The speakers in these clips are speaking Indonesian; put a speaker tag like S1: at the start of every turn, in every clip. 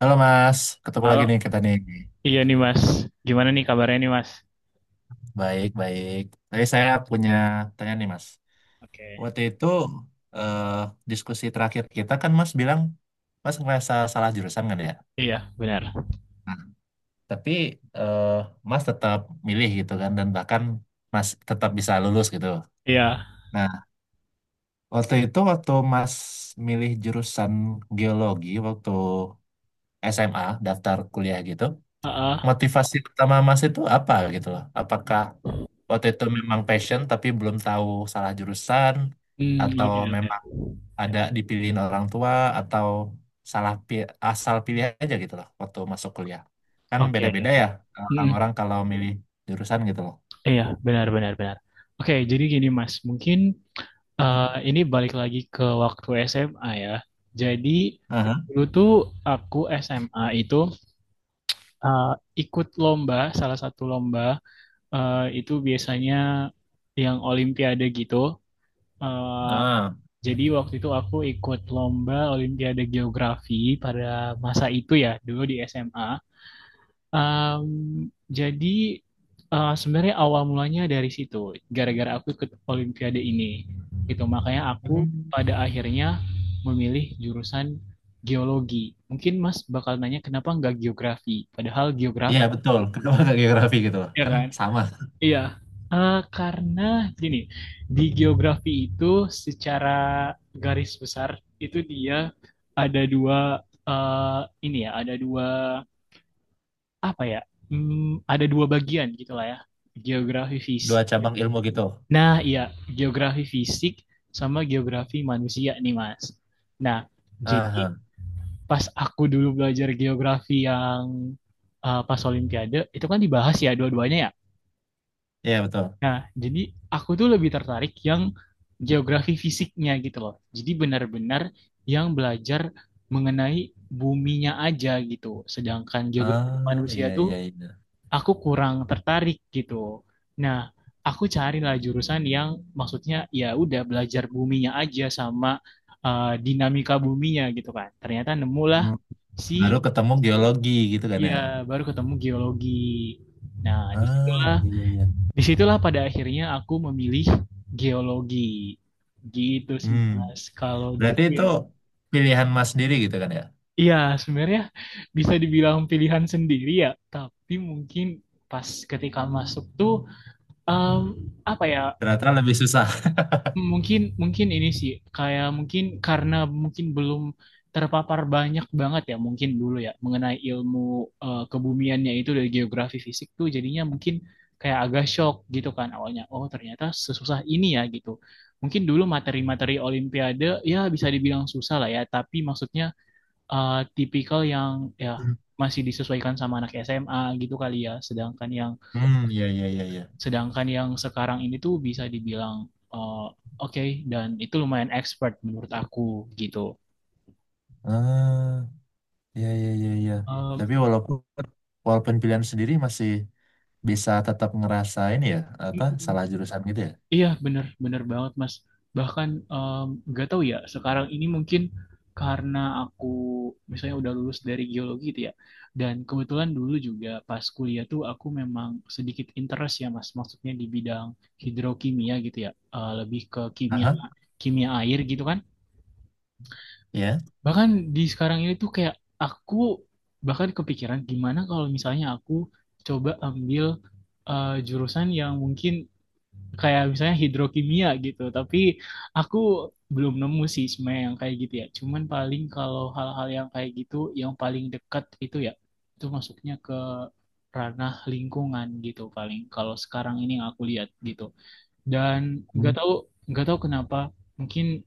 S1: Halo Mas, ketemu lagi
S2: Halo,
S1: nih kita nih.
S2: iya nih Mas. Gimana nih kabarnya nih Mas?
S1: Baik, baik. Tadi saya punya tanya nih Mas.
S2: Oke,
S1: Waktu itu eh, diskusi terakhir kita kan Mas bilang Mas ngerasa salah jurusan kan ya?
S2: iya benar.
S1: Nah, tapi eh, Mas tetap milih gitu kan dan bahkan Mas tetap bisa lulus gitu.
S2: Iya,
S1: Nah, waktu itu waktu Mas milih jurusan geologi waktu SMA daftar kuliah gitu,
S2: heeh.
S1: motivasi utama Mas itu apa gitu loh? Apakah waktu itu memang passion tapi belum tahu salah jurusan atau
S2: Oke oke
S1: memang ada dipilihin orang tua atau asal pilih aja gitu loh waktu masuk kuliah kan
S2: oke.
S1: beda-beda ya,
S2: Mm-mm.
S1: orang-orang kalau milih jurusan gitu loh.
S2: Iya benar benar benar. Oke, jadi gini Mas, mungkin eh, ini balik lagi ke waktu SMA ya. Jadi
S1: Aha.
S2: dulu tuh aku SMA itu eh, ikut lomba, salah satu lomba itu biasanya yang Olimpiade gitu. Eh,
S1: Ah.
S2: Jadi waktu itu aku ikut lomba Olimpiade Geografi pada masa itu ya, dulu di SMA. Um, jadi sebenarnya awal mulanya dari situ, gara-gara aku ikut Olimpiade ini. Gitu, makanya aku
S1: Hmm.
S2: pada akhirnya memilih jurusan geologi. Mungkin Mas bakal nanya kenapa nggak geografi, padahal geografi
S1: Iya betul, kedua ke geografi gitu loh
S2: ya
S1: kan
S2: kan?
S1: sama
S2: Iya, karena gini, di geografi itu secara garis besar itu dia ada dua eh, ini ya, ada dua apa ya? Ada dua bagian gitulah ya, geografi
S1: dua
S2: fisik.
S1: cabang ilmu gitu.
S2: Nah, iya, geografi fisik sama geografi manusia nih, Mas. Nah, jadi
S1: Aha.
S2: pas aku dulu belajar geografi yang pas Olimpiade itu kan dibahas ya dua-duanya ya.
S1: Iya betul,
S2: Nah, jadi aku tuh lebih tertarik yang geografi fisiknya gitu loh. Jadi benar-benar yang belajar mengenai buminya aja gitu. Sedangkan geografi
S1: ah
S2: manusia
S1: iya iya
S2: tuh
S1: iya.
S2: aku kurang tertarik gitu. Nah, aku carilah jurusan yang maksudnya ya udah belajar buminya aja sama dinamika buminya gitu kan. Ternyata nemulah
S1: Hmm. Baru
S2: si
S1: ketemu geologi gitu kan ya,
S2: ya baru ketemu geologi. Nah, di
S1: ah iya iya iya.
S2: Disitulah pada akhirnya aku memilih geologi. Gitu sih
S1: Hmm.
S2: Mas, kalau dulu
S1: Berarti itu
S2: ya.
S1: pilihan Mas sendiri gitu kan ya?
S2: Iya, sebenarnya bisa dibilang pilihan sendiri ya, tapi mungkin pas ketika masuk tuh em, apa ya.
S1: Ternyata lebih susah.
S2: Mungkin mungkin ini sih kayak mungkin karena mungkin belum terpapar banyak banget ya mungkin dulu ya mengenai ilmu kebumiannya itu dari geografi fisik tuh jadinya mungkin kayak agak shock gitu kan awalnya oh ternyata sesusah ini ya gitu. Mungkin dulu materi-materi olimpiade ya bisa dibilang susah lah ya tapi maksudnya tipikal yang ya masih disesuaikan sama anak SMA gitu kali ya
S1: Hmm, ya ya ya ya.
S2: Sedangkan yang sekarang ini tuh bisa dibilang eh, oke okay, dan itu lumayan expert menurut aku gitu.
S1: Ah, ya ya ya ya.
S2: Em,
S1: Tapi walaupun walaupun pilihan sendiri masih bisa tetap ngerasain ya
S2: mm,
S1: apa
S2: mm,
S1: salah jurusan gitu ya.
S2: iya bener bener banget Mas. Bahkan nggak tahu ya sekarang ini mungkin karena aku misalnya udah lulus dari geologi gitu ya. Dan kebetulan dulu juga pas kuliah tuh aku memang sedikit interest ya Mas. Maksudnya di bidang hidrokimia gitu ya. Eh, lebih ke kimia
S1: Aha,
S2: kimia air gitu kan.
S1: ya.
S2: Bahkan di sekarang ini tuh kayak aku bahkan kepikiran gimana kalau misalnya aku coba ambil jurusan yang mungkin kayak misalnya hidrokimia gitu. Tapi aku belum nemu sih sebenarnya yang kayak gitu ya. Cuman paling kalau hal-hal yang kayak gitu yang paling dekat itu ya itu masuknya ke ranah lingkungan gitu paling kalau sekarang ini yang aku lihat gitu. Dan
S1: Hmm.
S2: nggak tahu nggak tahu kenapa mungkin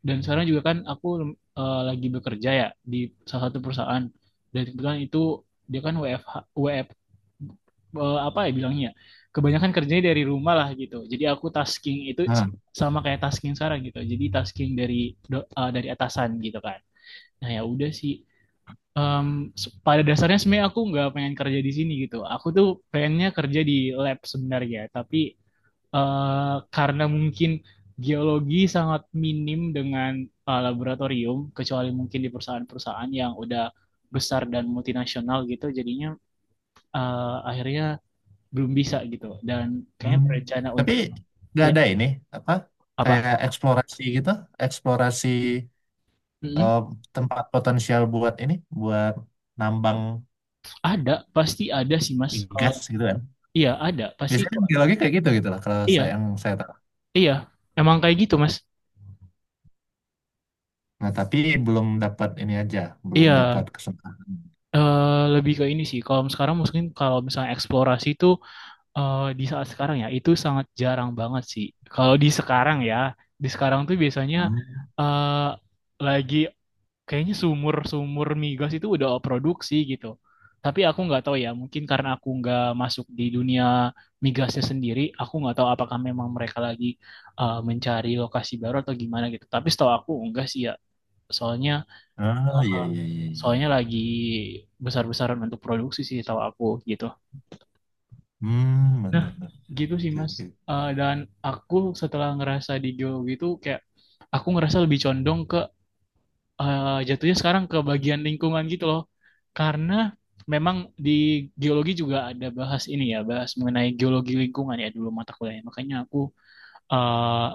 S2: dan sekarang juga kan aku lagi bekerja ya di salah satu perusahaan. Dan kebetulan itu dia kan WFH, WF, eh, apa ya bilangnya? Kebanyakan kerjanya dari rumah lah gitu. Jadi aku tasking itu
S1: Ah,
S2: sama kayak tasking sekarang gitu. Jadi tasking dari dari atasan gitu kan. Nah ya udah sih. Em, pada dasarnya sebenarnya aku nggak pengen kerja di sini gitu. Aku tuh pengennya kerja di lab sebenarnya, tapi eh karena mungkin geologi sangat minim dengan laboratorium, kecuali mungkin di perusahaan-perusahaan yang udah besar dan multinasional gitu, jadinya akhirnya belum bisa gitu. Dan kayaknya
S1: hmm.
S2: berencana
S1: Tapi
S2: untuk
S1: nggak
S2: ya
S1: ada ini, apa kayak
S2: apa?
S1: eksplorasi gitu, eksplorasi
S2: Mm-mm.
S1: eh, tempat potensial buat ini buat nambang
S2: Ada, pasti ada sih Mas. Kalau
S1: gas gitu kan.
S2: iya ada, pasti
S1: Biasanya biologi kayak gitu gitu lah kalau saya,
S2: iya
S1: yang saya tahu.
S2: iya. Emang kayak gitu Mas.
S1: Nah, tapi belum dapat ini aja, belum
S2: Iya,
S1: dapat kesempatan.
S2: lebih ke ini sih. Kalau sekarang mungkin kalau misalnya eksplorasi itu di saat sekarang ya itu sangat jarang banget sih. Kalau di sekarang ya, di sekarang tuh biasanya
S1: Ah,
S2: eh lagi kayaknya sumur-sumur migas itu udah produksi gitu. Tapi aku nggak tahu ya, mungkin karena aku nggak masuk di dunia migasnya sendiri, aku nggak tahu apakah memang mereka lagi mencari lokasi baru atau gimana gitu. Tapi setahu aku enggak sih ya, soalnya
S1: ah, iya,
S2: eh,
S1: iya, iya, iya.
S2: soalnya lagi besar-besaran untuk produksi sih setahu aku gitu.
S1: Hmm,
S2: Nah,
S1: benar, benar.
S2: gitu sih
S1: Oke,
S2: Mas.
S1: oke.
S2: Eh, dan aku setelah ngerasa di geologi itu kayak aku ngerasa lebih condong ke jatuhnya sekarang ke bagian lingkungan gitu loh. Karena memang di geologi juga ada bahas ini ya, bahas mengenai geologi lingkungan ya dulu mata kuliahnya. Makanya aku eh,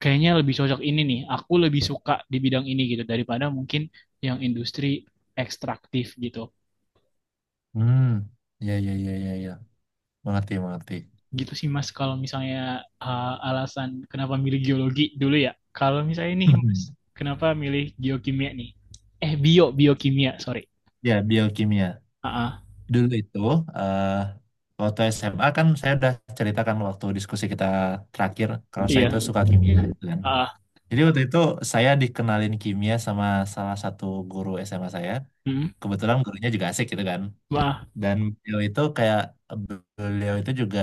S2: kayaknya lebih cocok ini nih. Aku lebih suka di bidang ini gitu daripada mungkin yang industri ekstraktif gitu.
S1: Hmm, iya, iya, iya, iya, iya. Mengerti, mengerti.
S2: Gitu sih Mas kalau misalnya alasan kenapa milih geologi dulu ya. Kalau misalnya nih Mas, kenapa milih geokimia nih? Eh bio biokimia, sorry.
S1: Ya, biokimia.
S2: Ah, ah,
S1: Dulu itu, eh waktu SMA kan saya udah ceritakan waktu diskusi kita terakhir, kalau saya itu
S2: iya.
S1: suka kimia, gitu kan.
S2: Ah, ah,
S1: Jadi waktu itu saya dikenalin kimia sama salah satu guru SMA saya.
S2: hmm,
S1: Kebetulan gurunya juga asik gitu kan.
S2: wah,
S1: Dan beliau itu kayak beliau itu juga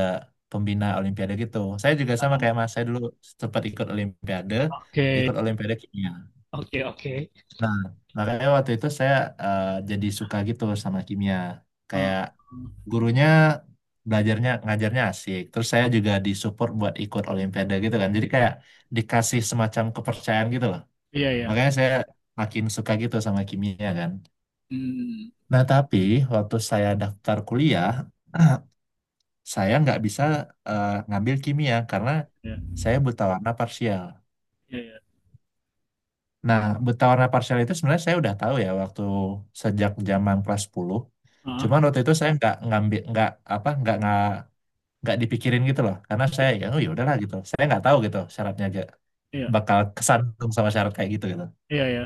S1: pembina Olimpiade gitu. Saya juga
S2: ah,
S1: sama
S2: ah.
S1: kayak Mas, saya dulu sempat
S2: Oke,
S1: ikut Olimpiade kimia.
S2: oke.
S1: Nah, makanya waktu itu saya jadi suka gitu sama kimia.
S2: Ah,
S1: Kayak
S2: hmm.
S1: gurunya, ngajarnya asik. Terus saya juga disupport buat ikut Olimpiade gitu kan. Jadi kayak dikasih semacam kepercayaan gitu loh.
S2: Iya ya.
S1: Makanya saya makin suka gitu sama kimia kan.
S2: Hmm,
S1: Nah, tapi waktu saya daftar kuliah, saya nggak bisa ngambil kimia karena
S2: iya,
S1: saya buta warna parsial.
S2: iya ya.
S1: Nah, buta warna parsial itu sebenarnya saya udah tahu ya, waktu sejak zaman kelas 10.
S2: Ah, ah.
S1: Cuman waktu itu saya nggak ngambil nggak apa nggak dipikirin gitu loh, karena saya ya, oh ya udahlah gitu. Saya nggak tahu gitu syaratnya aja
S2: Iya,
S1: bakal kesandung sama syarat kayak gitu gitu.
S2: iya ya.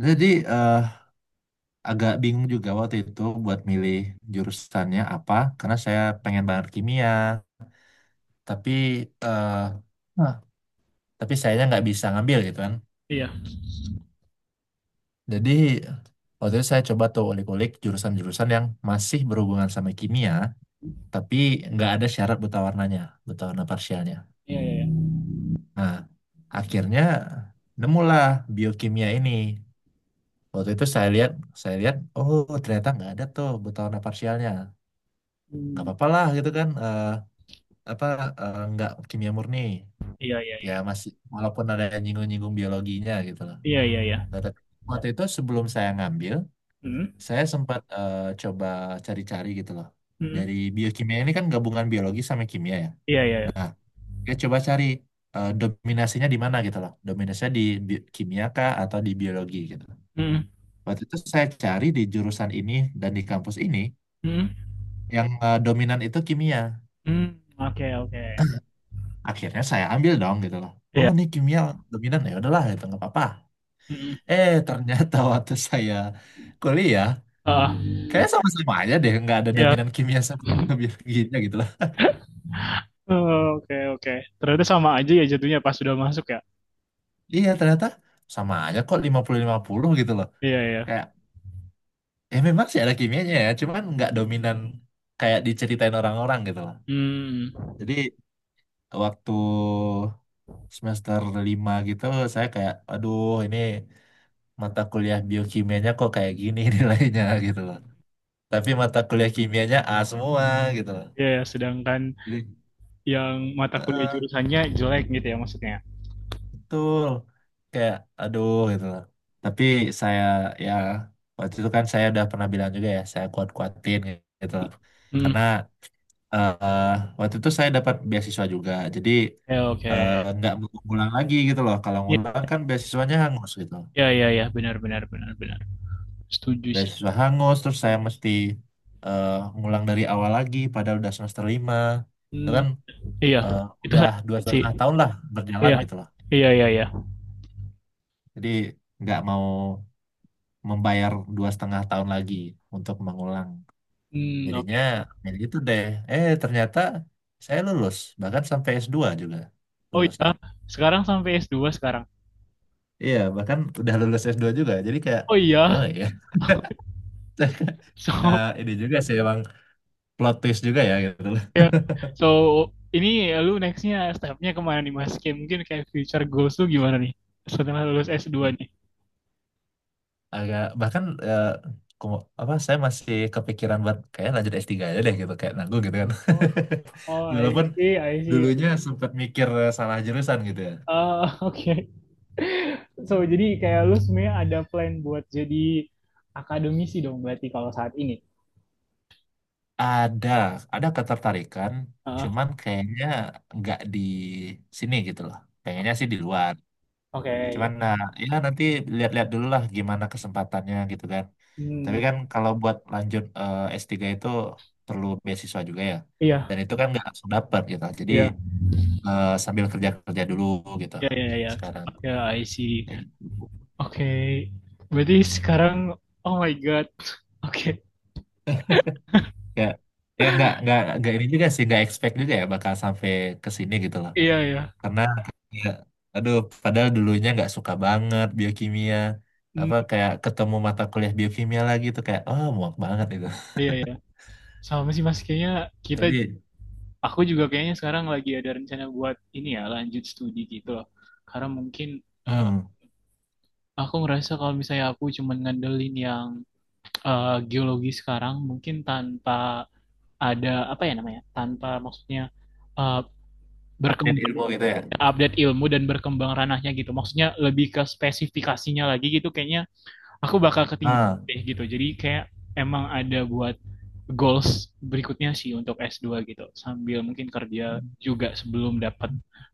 S1: Jadi eh, agak bingung juga waktu itu buat milih jurusannya apa, karena saya pengen banget kimia tapi eh, tapi sayanya nggak bisa ngambil gitu kan.
S2: Iya,
S1: Jadi waktu itu saya coba tuh ulik-ulik jurusan-jurusan yang masih berhubungan sama kimia tapi nggak ada syarat buta warnanya, buta warna parsialnya.
S2: iya ya. Ya.
S1: Nah, akhirnya nemulah biokimia ini. Waktu itu saya lihat, oh ternyata nggak ada tuh buta warna parsialnya, nggak
S2: Hmm,
S1: apa-apa lah gitu kan, apa nggak kimia murni
S2: iya iya
S1: ya,
S2: iya.
S1: masih walaupun ada yang nyinggung-nyinggung biologinya gitu lah.
S2: Iya iya ya.
S1: Nah, tapi waktu itu sebelum saya ngambil,
S2: Hmm,
S1: saya sempat coba cari-cari gitu loh.
S2: hmm,
S1: Dari biokimia ini kan gabungan biologi sama kimia ya.
S2: iya iya ya.
S1: Saya coba cari dominasinya di mana gitu loh. Dominasinya di kimia kah atau di biologi gitu.
S2: Hmm,
S1: Waktu itu saya cari di jurusan ini dan di kampus ini,
S2: hmm,
S1: yang dominan itu kimia.
S2: hmm. Oke, oke.
S1: Akhirnya saya ambil dong gitu loh. Oh,
S2: Iya.
S1: ini kimia dominan, ya udahlah itu nggak apa-apa.
S2: Hmm.
S1: Ternyata waktu saya kuliah
S2: Ah,
S1: kayaknya sama-sama aja deh, nggak ada
S2: ya.
S1: dominan kimia sama biologinya gitu.
S2: Oh, oke, oke. Ternyata sama aja ya jatuhnya pas sudah masuk ya.
S1: Iya ternyata sama aja kok, 50-50 gitu loh.
S2: Iya, iya.
S1: Kayak ya memang sih ada kimianya ya, cuman nggak dominan kayak diceritain orang-orang gitu loh.
S2: Hmm.
S1: Jadi waktu semester 5 gitu saya kayak, aduh, ini mata kuliah biokimianya kok kayak gini nilainya gitu loh. Tapi mata kuliah kimianya A semua gitu loh.
S2: Iya, ya. Sedangkan
S1: Jadi
S2: yang mata kuliah jurusannya jelek gitu ya maksudnya.
S1: betul kayak aduh gitu loh, tapi saya ya, waktu itu kan saya udah pernah bilang juga ya, saya kuat-kuatin gitu loh karena
S2: Hmm.
S1: eh, waktu itu saya dapat beasiswa juga, jadi
S2: Ya, oke.
S1: nggak mau ngulang lagi gitu loh, kalau
S2: Iya,
S1: ngulang kan beasiswanya hangus gitu,
S2: iya, iya, iya. Benar, benar, benar, benar. Setuju sih.
S1: beasiswa hangus terus saya mesti eh, ngulang dari awal lagi padahal udah semester 5 itu
S2: Hmm.
S1: kan,
S2: Iya,
S1: eh,
S2: itu
S1: udah dua
S2: sih.
S1: setengah tahun lah berjalan
S2: Iya.
S1: gitu loh,
S2: Iya, iya, iya.
S1: jadi nggak mau membayar 2,5 tahun lagi untuk mengulang.
S2: Hmm,
S1: Jadinya
S2: oke.
S1: ya gitu deh. Ternyata saya lulus bahkan sampai S2 juga
S2: Oh
S1: lulusnya.
S2: iya, sekarang sampai s dua sekarang.
S1: Iya bahkan udah lulus S2 juga. Jadi kayak
S2: Oh
S1: oh
S2: iya.
S1: iya.
S2: So,
S1: Ini juga sih emang plot twist juga ya gitu loh.
S2: ya. So, ini lu nextnya stepnya kemana nih Mas? Kayak mungkin kayak future goals lu gimana nih? Setelah lulus s dua nih.
S1: Agak bahkan eh, apa, saya masih kepikiran buat kayak lanjut S3 aja deh gitu, kayak nanggung gitu kan.
S2: Oh, oh, I
S1: Walaupun
S2: see, I see.
S1: dulunya sempat mikir salah jurusan gitu ya.
S2: Ah, oke. So, jadi kayak lu sebenarnya ada plan buat jadi akademisi dong berarti kalau saat ini.
S1: Ada, ada ketertarikan,
S2: Ah,
S1: cuman kayaknya nggak di sini gitu loh. Pengennya sih di luar.
S2: oke, iya.
S1: Cuman nah, ya nanti lihat-lihat dulu lah gimana kesempatannya gitu kan. Tapi
S2: Hmm,
S1: kan kalau buat lanjut S3 itu perlu beasiswa juga ya.
S2: iya,
S1: Dan itu kan nggak langsung dapat gitu. Jadi
S2: iya.
S1: sambil kerja-kerja dulu gitu
S2: Iya iya iya.
S1: sekarang.
S2: Ya, I see.
S1: Kayak gitu.
S2: Oke. Berarti sekarang oh my God. Oke.
S1: Ya, ya nggak ini juga sih nggak expect juga ya bakal sampai ke sini gitu loh,
S2: Iya iya.
S1: karena ya, aduh, padahal dulunya nggak suka banget biokimia,
S2: Hmm,
S1: apa kayak ketemu mata kuliah biokimia lagi tuh kayak oh muak banget itu.
S2: iya iya. Sama sih Mas, kayaknya kita
S1: Tapi
S2: aku juga kayaknya sekarang lagi ada rencana buat ini ya, lanjut studi gitu loh. Karena mungkin eh,
S1: hmm
S2: aku ngerasa kalau misalnya aku cuma ngandelin yang geologi sekarang mungkin tanpa ada apa ya namanya? Tanpa maksudnya eh,
S1: update
S2: berkembang
S1: ilmu gitu ya,
S2: update ilmu dan berkembang ranahnya gitu. Maksudnya lebih ke spesifikasinya lagi gitu kayaknya aku bakal ketinggian
S1: ah
S2: deh gitu. Jadi kayak emang ada buat goals berikutnya sih untuk S2 gitu. Sambil mungkin kerja juga sebelum dapat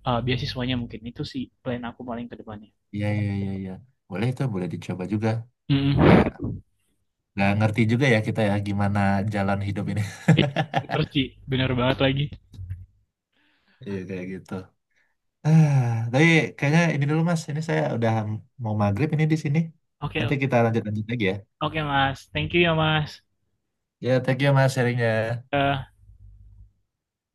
S2: beasiswanya mungkin. Itu sih plan aku paling ke depannya.
S1: iya iya iya iya, boleh itu boleh dicoba juga. Kayak
S2: Mm.
S1: nggak ngerti juga ya kita ya, gimana jalan hidup ini.
S2: Eh, Perci, bener banget lagi.
S1: Iya kayak gitu. Ah, tapi kayaknya ini dulu Mas, ini saya udah mau maghrib ini di sini,
S2: Oke,
S1: nanti kita lanjut lanjut lagi ya.
S2: oke Mas. Thank you ya Mas.
S1: Ya, thank you Mas sharingnya.
S2: Eh,